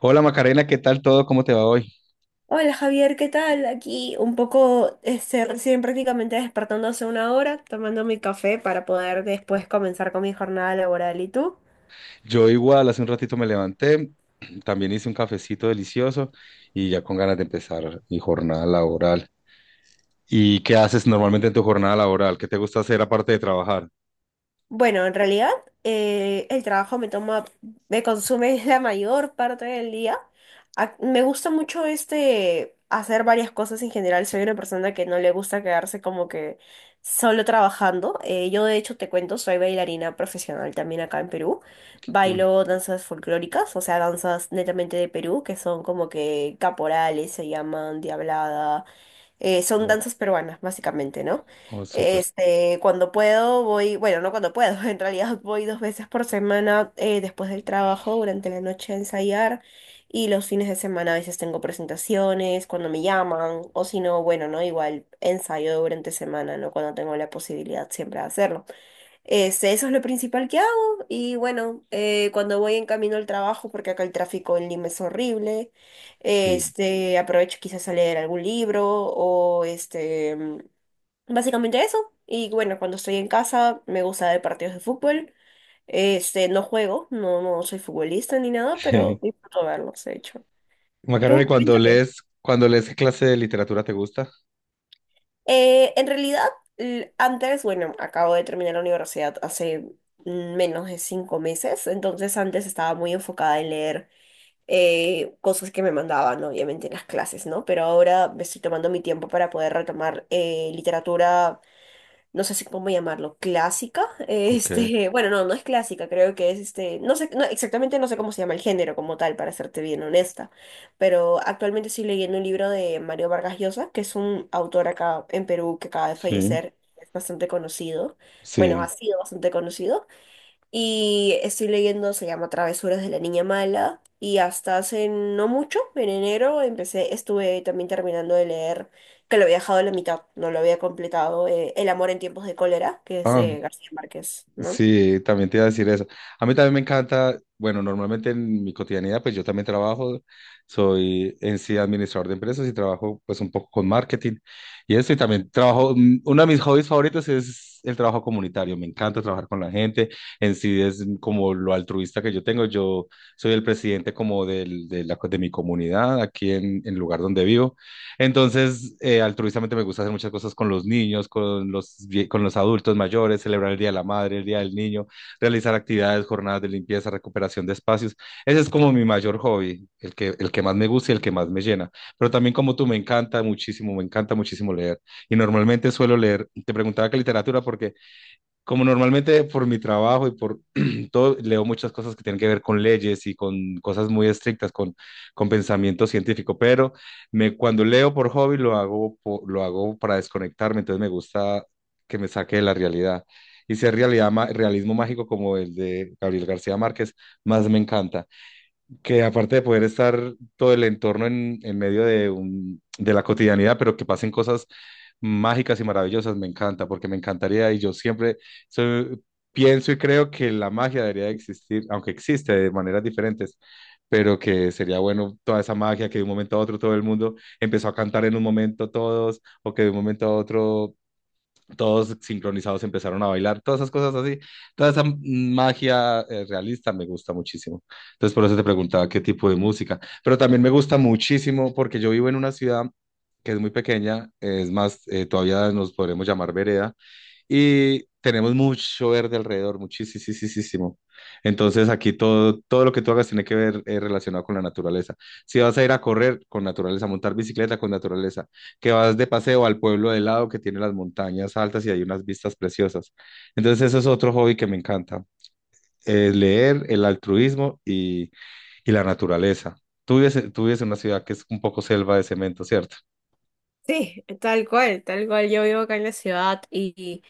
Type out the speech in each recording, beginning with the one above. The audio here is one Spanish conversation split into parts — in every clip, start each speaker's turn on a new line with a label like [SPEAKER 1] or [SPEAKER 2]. [SPEAKER 1] Hola Macarena, ¿qué tal todo? ¿Cómo te va hoy?
[SPEAKER 2] Hola Javier, ¿qué tal? Aquí un poco, recién prácticamente despertando hace una hora, tomando mi café para poder después comenzar con mi jornada laboral. ¿Y tú?
[SPEAKER 1] Yo igual, hace un ratito me levanté, también hice un cafecito delicioso y ya con ganas de empezar mi jornada laboral. ¿Y qué haces normalmente en tu jornada laboral? ¿Qué te gusta hacer aparte de trabajar?
[SPEAKER 2] Bueno, en realidad el trabajo me toma, me consume la mayor parte del día. Me gusta mucho hacer varias cosas en general. Soy una persona que no le gusta quedarse como que solo trabajando. Yo de hecho te cuento, soy bailarina profesional también acá en Perú.
[SPEAKER 1] Qué cool.
[SPEAKER 2] Bailo danzas folclóricas, o sea, danzas netamente de Perú, que son como que caporales, se llaman diablada, son
[SPEAKER 1] Oh,
[SPEAKER 2] danzas peruanas, básicamente, ¿no?
[SPEAKER 1] oh, súper.
[SPEAKER 2] Cuando puedo voy, bueno, no cuando puedo, en realidad voy 2 veces por semana después del trabajo, durante la noche a ensayar y los fines de semana a veces tengo presentaciones, cuando me llaman o si no, bueno, ¿no? Igual ensayo durante semana, ¿no? Cuando tengo la posibilidad siempre de hacerlo. Eso es lo principal que hago y bueno, cuando voy en camino al trabajo, porque acá el tráfico en Lima es horrible,
[SPEAKER 1] Sí.
[SPEAKER 2] aprovecho quizás a leer algún libro o básicamente eso. Y bueno, cuando estoy en casa me gusta ver partidos de fútbol, no juego, no, no soy futbolista ni nada, pero disfruto verlos, de hecho.
[SPEAKER 1] Macarena, ¿y
[SPEAKER 2] Tú,
[SPEAKER 1] cuando
[SPEAKER 2] cuéntame.
[SPEAKER 1] lees, cuando lees qué clase de literatura te gusta?
[SPEAKER 2] En realidad, antes, bueno, acabo de terminar la universidad hace menos de 5 meses, entonces antes estaba muy enfocada en leer cosas que me mandaban, obviamente, en las clases, ¿no? Pero ahora me estoy tomando mi tiempo para poder retomar literatura no sé si cómo llamarlo, clásica.
[SPEAKER 1] Ok.
[SPEAKER 2] Bueno, no, no es clásica, creo que es no sé, no, exactamente no sé cómo se llama el género como tal, para serte bien honesta, pero actualmente estoy leyendo un libro de Mario Vargas Llosa, que es un autor acá en Perú que acaba de
[SPEAKER 1] Sí.
[SPEAKER 2] fallecer, es bastante conocido, bueno, ha
[SPEAKER 1] Sí.
[SPEAKER 2] sido bastante conocido. Y estoy leyendo, se llama Travesuras de la Niña Mala. Y hasta hace no mucho, en enero, empecé, estuve también terminando de leer, que lo había dejado a la mitad, no lo había completado, El amor en tiempos de cólera, que es
[SPEAKER 1] Ah,
[SPEAKER 2] de García Márquez, ¿no?
[SPEAKER 1] sí, también te iba a decir eso. A mí también me encanta, bueno, normalmente en mi cotidianidad, pues yo también trabajo, soy en sí administrador de empresas y trabajo pues un poco con marketing y eso, y también trabajo, uno de mis hobbies favoritos es el trabajo comunitario, me encanta trabajar con la gente, en sí es como lo altruista que yo tengo, yo soy el presidente como del, de, la, de mi comunidad aquí en el lugar donde vivo. Entonces, altruistamente me gusta hacer muchas cosas con los niños, con los, con los adultos mayores, celebrar el Día de la Madre, el Día del Niño, realizar actividades, jornadas de limpieza, recuperación de espacios. Ese es como mi mayor hobby, el que más me gusta y el que más me llena. Pero también como tú, me encanta muchísimo leer. Y normalmente suelo leer, te preguntaba qué literatura, porque como normalmente por mi trabajo y por todo, leo muchas cosas que tienen que ver con leyes y con cosas muy estrictas, con pensamiento científico, pero cuando leo por hobby lo hago, lo hago para desconectarme, entonces me gusta que me saque de la realidad. Y si es realidad, realismo mágico como el de Gabriel García Márquez, más me encanta, que aparte de poder estar todo el entorno en medio de, un, de la cotidianidad, pero que pasen cosas mágicas y maravillosas, me encanta, porque me encantaría y yo siempre soy- pienso y creo que la magia debería de existir, aunque existe de maneras diferentes, pero que sería bueno toda esa magia, que de un momento a otro todo el mundo empezó a cantar en un momento todos, o que de un momento a otro todos sincronizados empezaron a bailar, todas esas cosas así, toda esa magia realista me gusta muchísimo. Entonces por eso te preguntaba qué tipo de música, pero también me gusta muchísimo porque yo vivo en una ciudad que es muy pequeña, es más, todavía nos podremos llamar vereda, y tenemos mucho verde alrededor, muchísimo. Entonces aquí todo, todo lo que tú hagas tiene que ver relacionado con la naturaleza. Si vas a ir a correr, con naturaleza, montar bicicleta, con naturaleza, que vas de paseo al pueblo de lado que tiene las montañas altas y hay unas vistas preciosas. Entonces eso es otro hobby que me encanta, es leer, el altruismo y la naturaleza. Tú vives, tú vives en una ciudad que es un poco selva de cemento, ¿cierto?
[SPEAKER 2] Sí, tal cual, tal cual. Yo vivo acá en la ciudad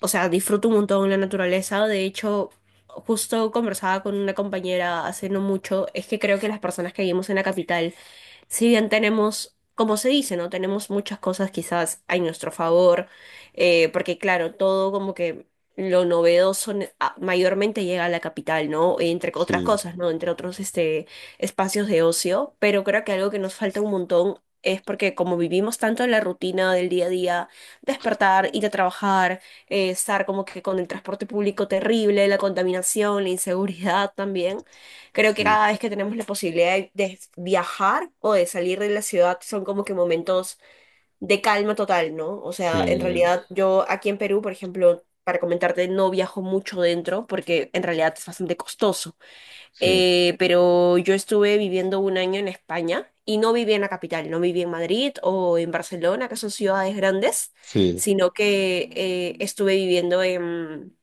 [SPEAKER 2] o sea, disfruto un montón la naturaleza. De hecho, justo conversaba con una compañera hace no mucho, es que creo que las personas que vivimos en la capital si bien tenemos, como se dice, ¿no? Tenemos muchas cosas quizás a nuestro favor, porque claro, todo como que lo novedoso mayormente llega a la capital, ¿no? Entre otras
[SPEAKER 1] Sí,
[SPEAKER 2] cosas, ¿no? Entre otros espacios de ocio, pero creo que algo que nos falta un montón es porque como vivimos tanto en la rutina del día a día, despertar, ir a trabajar, estar como que con el transporte público terrible, la contaminación, la inseguridad también. Creo que
[SPEAKER 1] sí,
[SPEAKER 2] cada vez que tenemos la posibilidad de viajar o de salir de la ciudad son como que momentos de calma total, ¿no? O sea, en
[SPEAKER 1] sí.
[SPEAKER 2] realidad yo aquí en Perú, por ejemplo, para comentarte, no viajo mucho dentro porque en realidad es bastante costoso.
[SPEAKER 1] Sí,
[SPEAKER 2] Pero yo estuve viviendo un año en España y no viví en la capital, no viví en Madrid o en Barcelona, que son ciudades grandes,
[SPEAKER 1] sí,
[SPEAKER 2] sino que estuve viviendo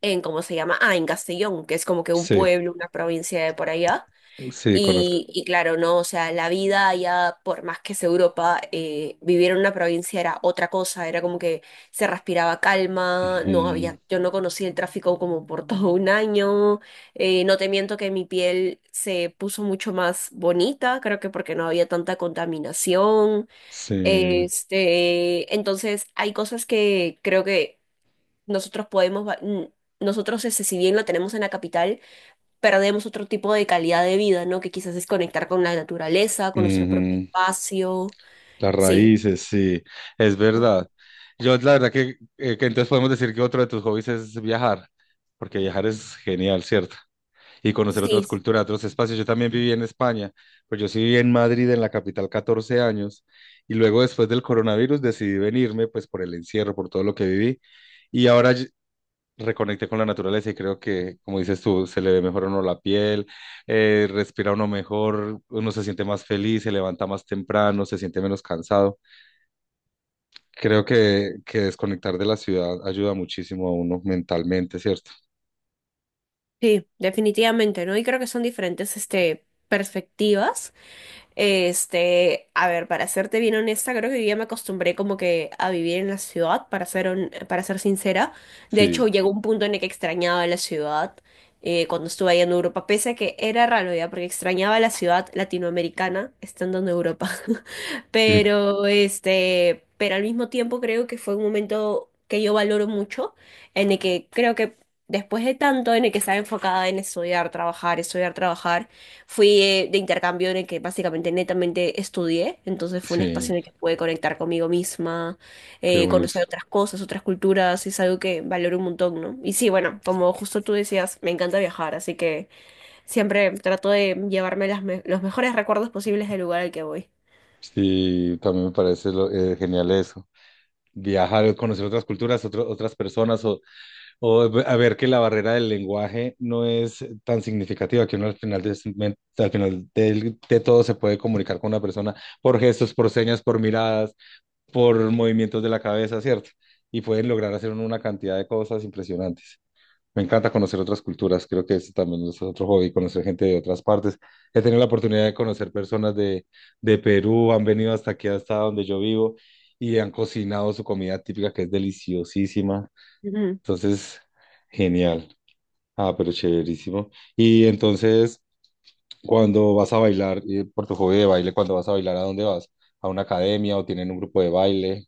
[SPEAKER 2] en, ¿cómo se llama? Ah, en Castellón, que es como que un
[SPEAKER 1] sí,
[SPEAKER 2] pueblo, una provincia de por allá.
[SPEAKER 1] sí, conozco.
[SPEAKER 2] Y claro, no, o sea, la vida allá, por más que es Europa, vivir en una provincia era otra cosa, era como que se respiraba calma, no
[SPEAKER 1] Ujú,
[SPEAKER 2] había, yo no conocí el tráfico como por todo un año, no te miento que mi piel se puso mucho más bonita, creo que porque no había tanta contaminación,
[SPEAKER 1] sí,
[SPEAKER 2] entonces hay cosas que creo que nosotros podemos, nosotros, ese, si bien lo tenemos en la capital, perdemos otro tipo de calidad de vida, ¿no? Que quizás es conectar con la naturaleza, con nuestro propio
[SPEAKER 1] ujú,
[SPEAKER 2] espacio.
[SPEAKER 1] las
[SPEAKER 2] Sí,
[SPEAKER 1] raíces, sí, es
[SPEAKER 2] ¿no?
[SPEAKER 1] verdad. Yo la verdad que entonces podemos decir que otro de tus hobbies es viajar, porque viajar es genial, ¿cierto? Y conocer otras
[SPEAKER 2] Sí,
[SPEAKER 1] culturas, otros espacios. Yo también viví en España, pues yo sí viví en Madrid, en la capital, 14 años, y luego después del coronavirus decidí venirme, pues por el encierro, por todo lo que viví, y ahora reconecté con la naturaleza y creo que, como dices tú, se le ve mejor a uno la piel, respira uno mejor, uno se siente más feliz, se levanta más temprano, se siente menos cansado. Creo que desconectar de la ciudad ayuda muchísimo a uno mentalmente, ¿cierto?
[SPEAKER 2] sí, definitivamente, ¿no? Y creo que son diferentes, perspectivas. A ver, para serte bien honesta, creo que yo ya me acostumbré como que a vivir en la ciudad, para ser, para ser sincera. De
[SPEAKER 1] Sí,
[SPEAKER 2] hecho, llegó un punto en el que extrañaba la ciudad cuando estuve ahí en Europa, pese a que era raro ya, porque extrañaba la ciudad latinoamericana estando en Europa.
[SPEAKER 1] sí,
[SPEAKER 2] Pero al mismo tiempo creo que fue un momento que yo valoro mucho, en el que creo que después de tanto, en el que estaba enfocada en estudiar, trabajar, fui de intercambio en el que básicamente netamente estudié, entonces fue un
[SPEAKER 1] sí,
[SPEAKER 2] espacio en el que pude conectar conmigo misma,
[SPEAKER 1] qué
[SPEAKER 2] conocer
[SPEAKER 1] buenísimo.
[SPEAKER 2] otras cosas, otras culturas, es algo que valoro un montón, ¿no? Y sí, bueno, como justo tú decías, me encanta viajar, así que siempre trato de llevarme los mejores recuerdos posibles del lugar al que voy.
[SPEAKER 1] Sí, también me parece genial eso. Viajar, conocer otras culturas, otras personas, o a ver que la barrera del lenguaje no es tan significativa, que uno al final de, de todo se puede comunicar con una persona por gestos, por señas, por miradas, por movimientos de la cabeza, ¿cierto? Y pueden lograr hacer uno una cantidad de cosas impresionantes. Me encanta conocer otras culturas, creo que eso también es otro hobby, conocer gente de otras partes. He tenido la oportunidad de conocer personas de Perú, han venido hasta aquí, hasta donde yo vivo, y han cocinado su comida típica, que es deliciosísima.
[SPEAKER 2] Ujú.
[SPEAKER 1] Entonces, genial. Ah, pero chéverísimo. Y entonces, cuando vas a bailar, por tu hobby de baile, cuando vas a bailar, ¿a dónde vas? ¿A una academia o tienen un grupo de baile?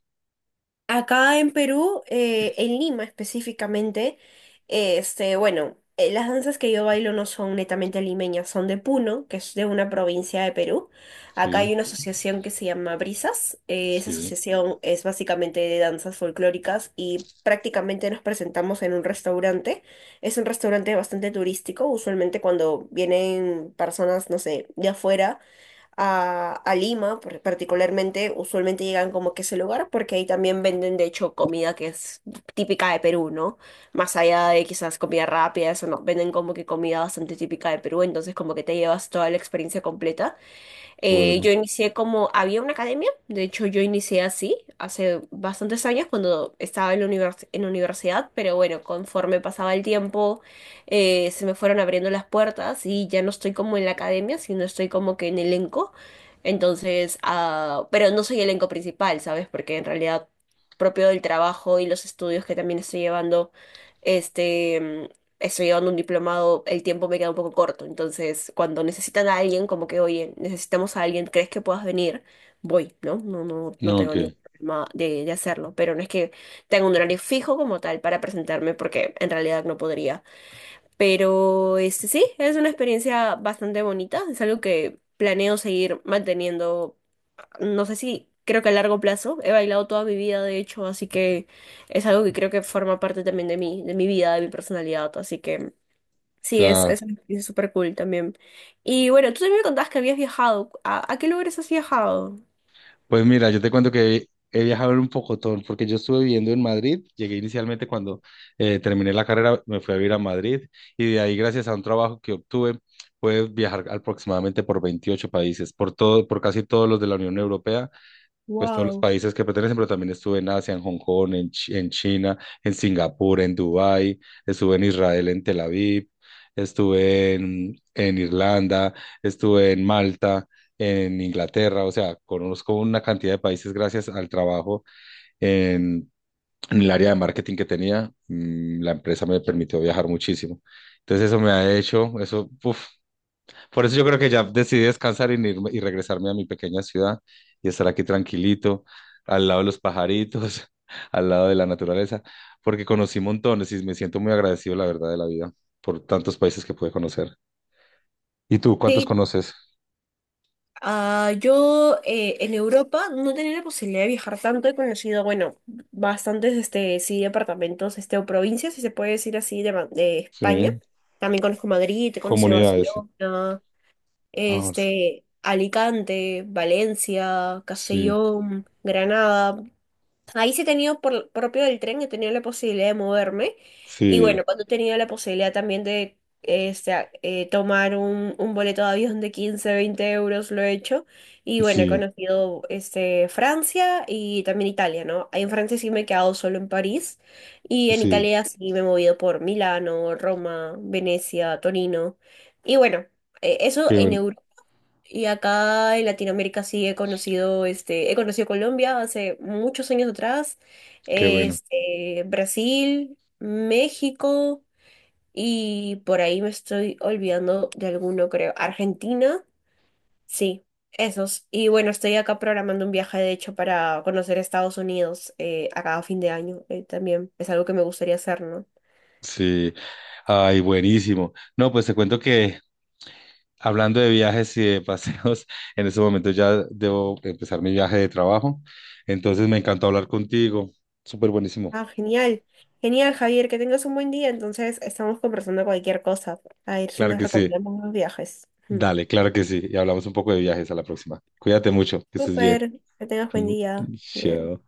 [SPEAKER 2] Acá en Perú, en Lima específicamente, bueno, las danzas que yo bailo no son netamente limeñas, son de Puno, que es de una provincia de Perú. Acá hay
[SPEAKER 1] Sí,
[SPEAKER 2] una asociación que se llama Brisas. Esa
[SPEAKER 1] sí.
[SPEAKER 2] asociación es básicamente de danzas folclóricas y prácticamente nos presentamos en un restaurante. Es un restaurante bastante turístico, usualmente cuando vienen personas, no sé, de afuera a Lima, particularmente, usualmente llegan como que a ese lugar porque ahí también venden, de hecho, comida que es típica de Perú, ¿no? Más allá de quizás comida rápida, eso no, venden como que comida bastante típica de Perú, entonces como que te llevas toda la experiencia completa.
[SPEAKER 1] Bueno,
[SPEAKER 2] Yo inicié como, había una academia, de hecho yo inicié así hace bastantes años cuando estaba en la en la universidad, pero bueno, conforme pasaba el tiempo se me fueron abriendo las puertas y ya no estoy como en la academia, sino estoy como que en elenco. Entonces, ah, pero no soy elenco principal, ¿sabes? Porque en realidad propio del trabajo y los estudios que también estoy llevando, este estoy llevando un diplomado, el tiempo me queda un poco corto. Entonces, cuando necesitan a alguien, como que, oye, necesitamos a alguien, ¿crees que puedas venir? Voy, ¿no? No, no, no
[SPEAKER 1] no,
[SPEAKER 2] tengo
[SPEAKER 1] que,
[SPEAKER 2] ningún problema de hacerlo. Pero no es que tenga un horario fijo como tal para presentarme, porque en realidad no podría. Pero sí, es una experiencia bastante bonita. Es algo que planeo seguir manteniendo. No sé si. Creo que a largo plazo he bailado toda mi vida, de hecho, así que es algo que creo que forma parte también de mí, de mi vida, de mi personalidad, así que sí,
[SPEAKER 1] claro.
[SPEAKER 2] es súper cool también. Y bueno, tú también me contabas que habías viajado. ¿A qué lugares has viajado?
[SPEAKER 1] Pues mira, yo te cuento que he viajado en un pocotón, porque yo estuve viviendo en Madrid. Llegué inicialmente cuando terminé la carrera, me fui a vivir a Madrid y de ahí, gracias a un trabajo que obtuve, puedes viajar aproximadamente por 28 países, por todo, por casi todos los de la Unión Europea, pues todos los
[SPEAKER 2] Wow.
[SPEAKER 1] países que pertenecen, pero también estuve en Asia, en Hong Kong, en, en China, en Singapur, en Dubái, estuve en Israel, en Tel Aviv, estuve en Irlanda, estuve en Malta, en Inglaterra, o sea, conozco una cantidad de países gracias al trabajo en, en el área de marketing que tenía, la empresa me permitió viajar muchísimo. Entonces eso me ha hecho, eso, por eso yo creo que ya decidí descansar y, y regresarme a mi pequeña ciudad y estar aquí tranquilito, al lado de los pajaritos, al lado de la naturaleza, porque conocí montones y me siento muy agradecido, la verdad, de la vida por tantos países que pude conocer. ¿Y tú, cuántos
[SPEAKER 2] Sí,
[SPEAKER 1] conoces?
[SPEAKER 2] ah, yo en Europa no tenía la posibilidad de viajar tanto, he conocido, bueno, bastantes, sí, departamentos, o provincias, si se puede decir así, de, de España.
[SPEAKER 1] Sí,
[SPEAKER 2] También conozco Madrid, he conocido
[SPEAKER 1] comunidades.
[SPEAKER 2] Barcelona,
[SPEAKER 1] Ah,
[SPEAKER 2] Alicante, Valencia,
[SPEAKER 1] sí,
[SPEAKER 2] Castellón, Granada. Ahí sí he tenido, por propio del tren, he tenido la posibilidad de moverme. Y
[SPEAKER 1] sí,
[SPEAKER 2] bueno, cuando he tenido la posibilidad también de tomar un boleto de avión de 15-20 euros, lo he hecho. Y bueno, he
[SPEAKER 1] sí,
[SPEAKER 2] conocido Francia y también Italia, ¿no? En Francia sí me he quedado solo en París. Y en
[SPEAKER 1] sí.
[SPEAKER 2] Italia sí me he movido por Milano, Roma, Venecia, Torino. Y bueno, eso
[SPEAKER 1] Qué
[SPEAKER 2] en
[SPEAKER 1] bueno,
[SPEAKER 2] Europa. Y acá en Latinoamérica sí he conocido, he conocido Colombia hace muchos años atrás,
[SPEAKER 1] qué bueno.
[SPEAKER 2] Brasil, México y por ahí me estoy olvidando de alguno, creo. Argentina, sí, esos. Y bueno, estoy acá programando un viaje, de hecho, para conocer Estados Unidos acá a fin de año. También es algo que me gustaría hacer, ¿no?
[SPEAKER 1] Sí. Ay, buenísimo. No, pues te cuento que, hablando de viajes y de paseos, en este momento ya debo empezar mi viaje de trabajo. Entonces me encantó hablar contigo. Súper buenísimo.
[SPEAKER 2] Ah, genial. Genial, Javier, que tengas un buen día. Entonces, estamos conversando cualquier cosa. A ver si
[SPEAKER 1] Claro
[SPEAKER 2] nos
[SPEAKER 1] que sí.
[SPEAKER 2] recomendamos unos viajes. Ujú.
[SPEAKER 1] Dale, claro que sí. Y hablamos un poco de viajes a la próxima. Cuídate mucho, que estés bien.
[SPEAKER 2] Súper, que tengas buen día. Ya.
[SPEAKER 1] Chao.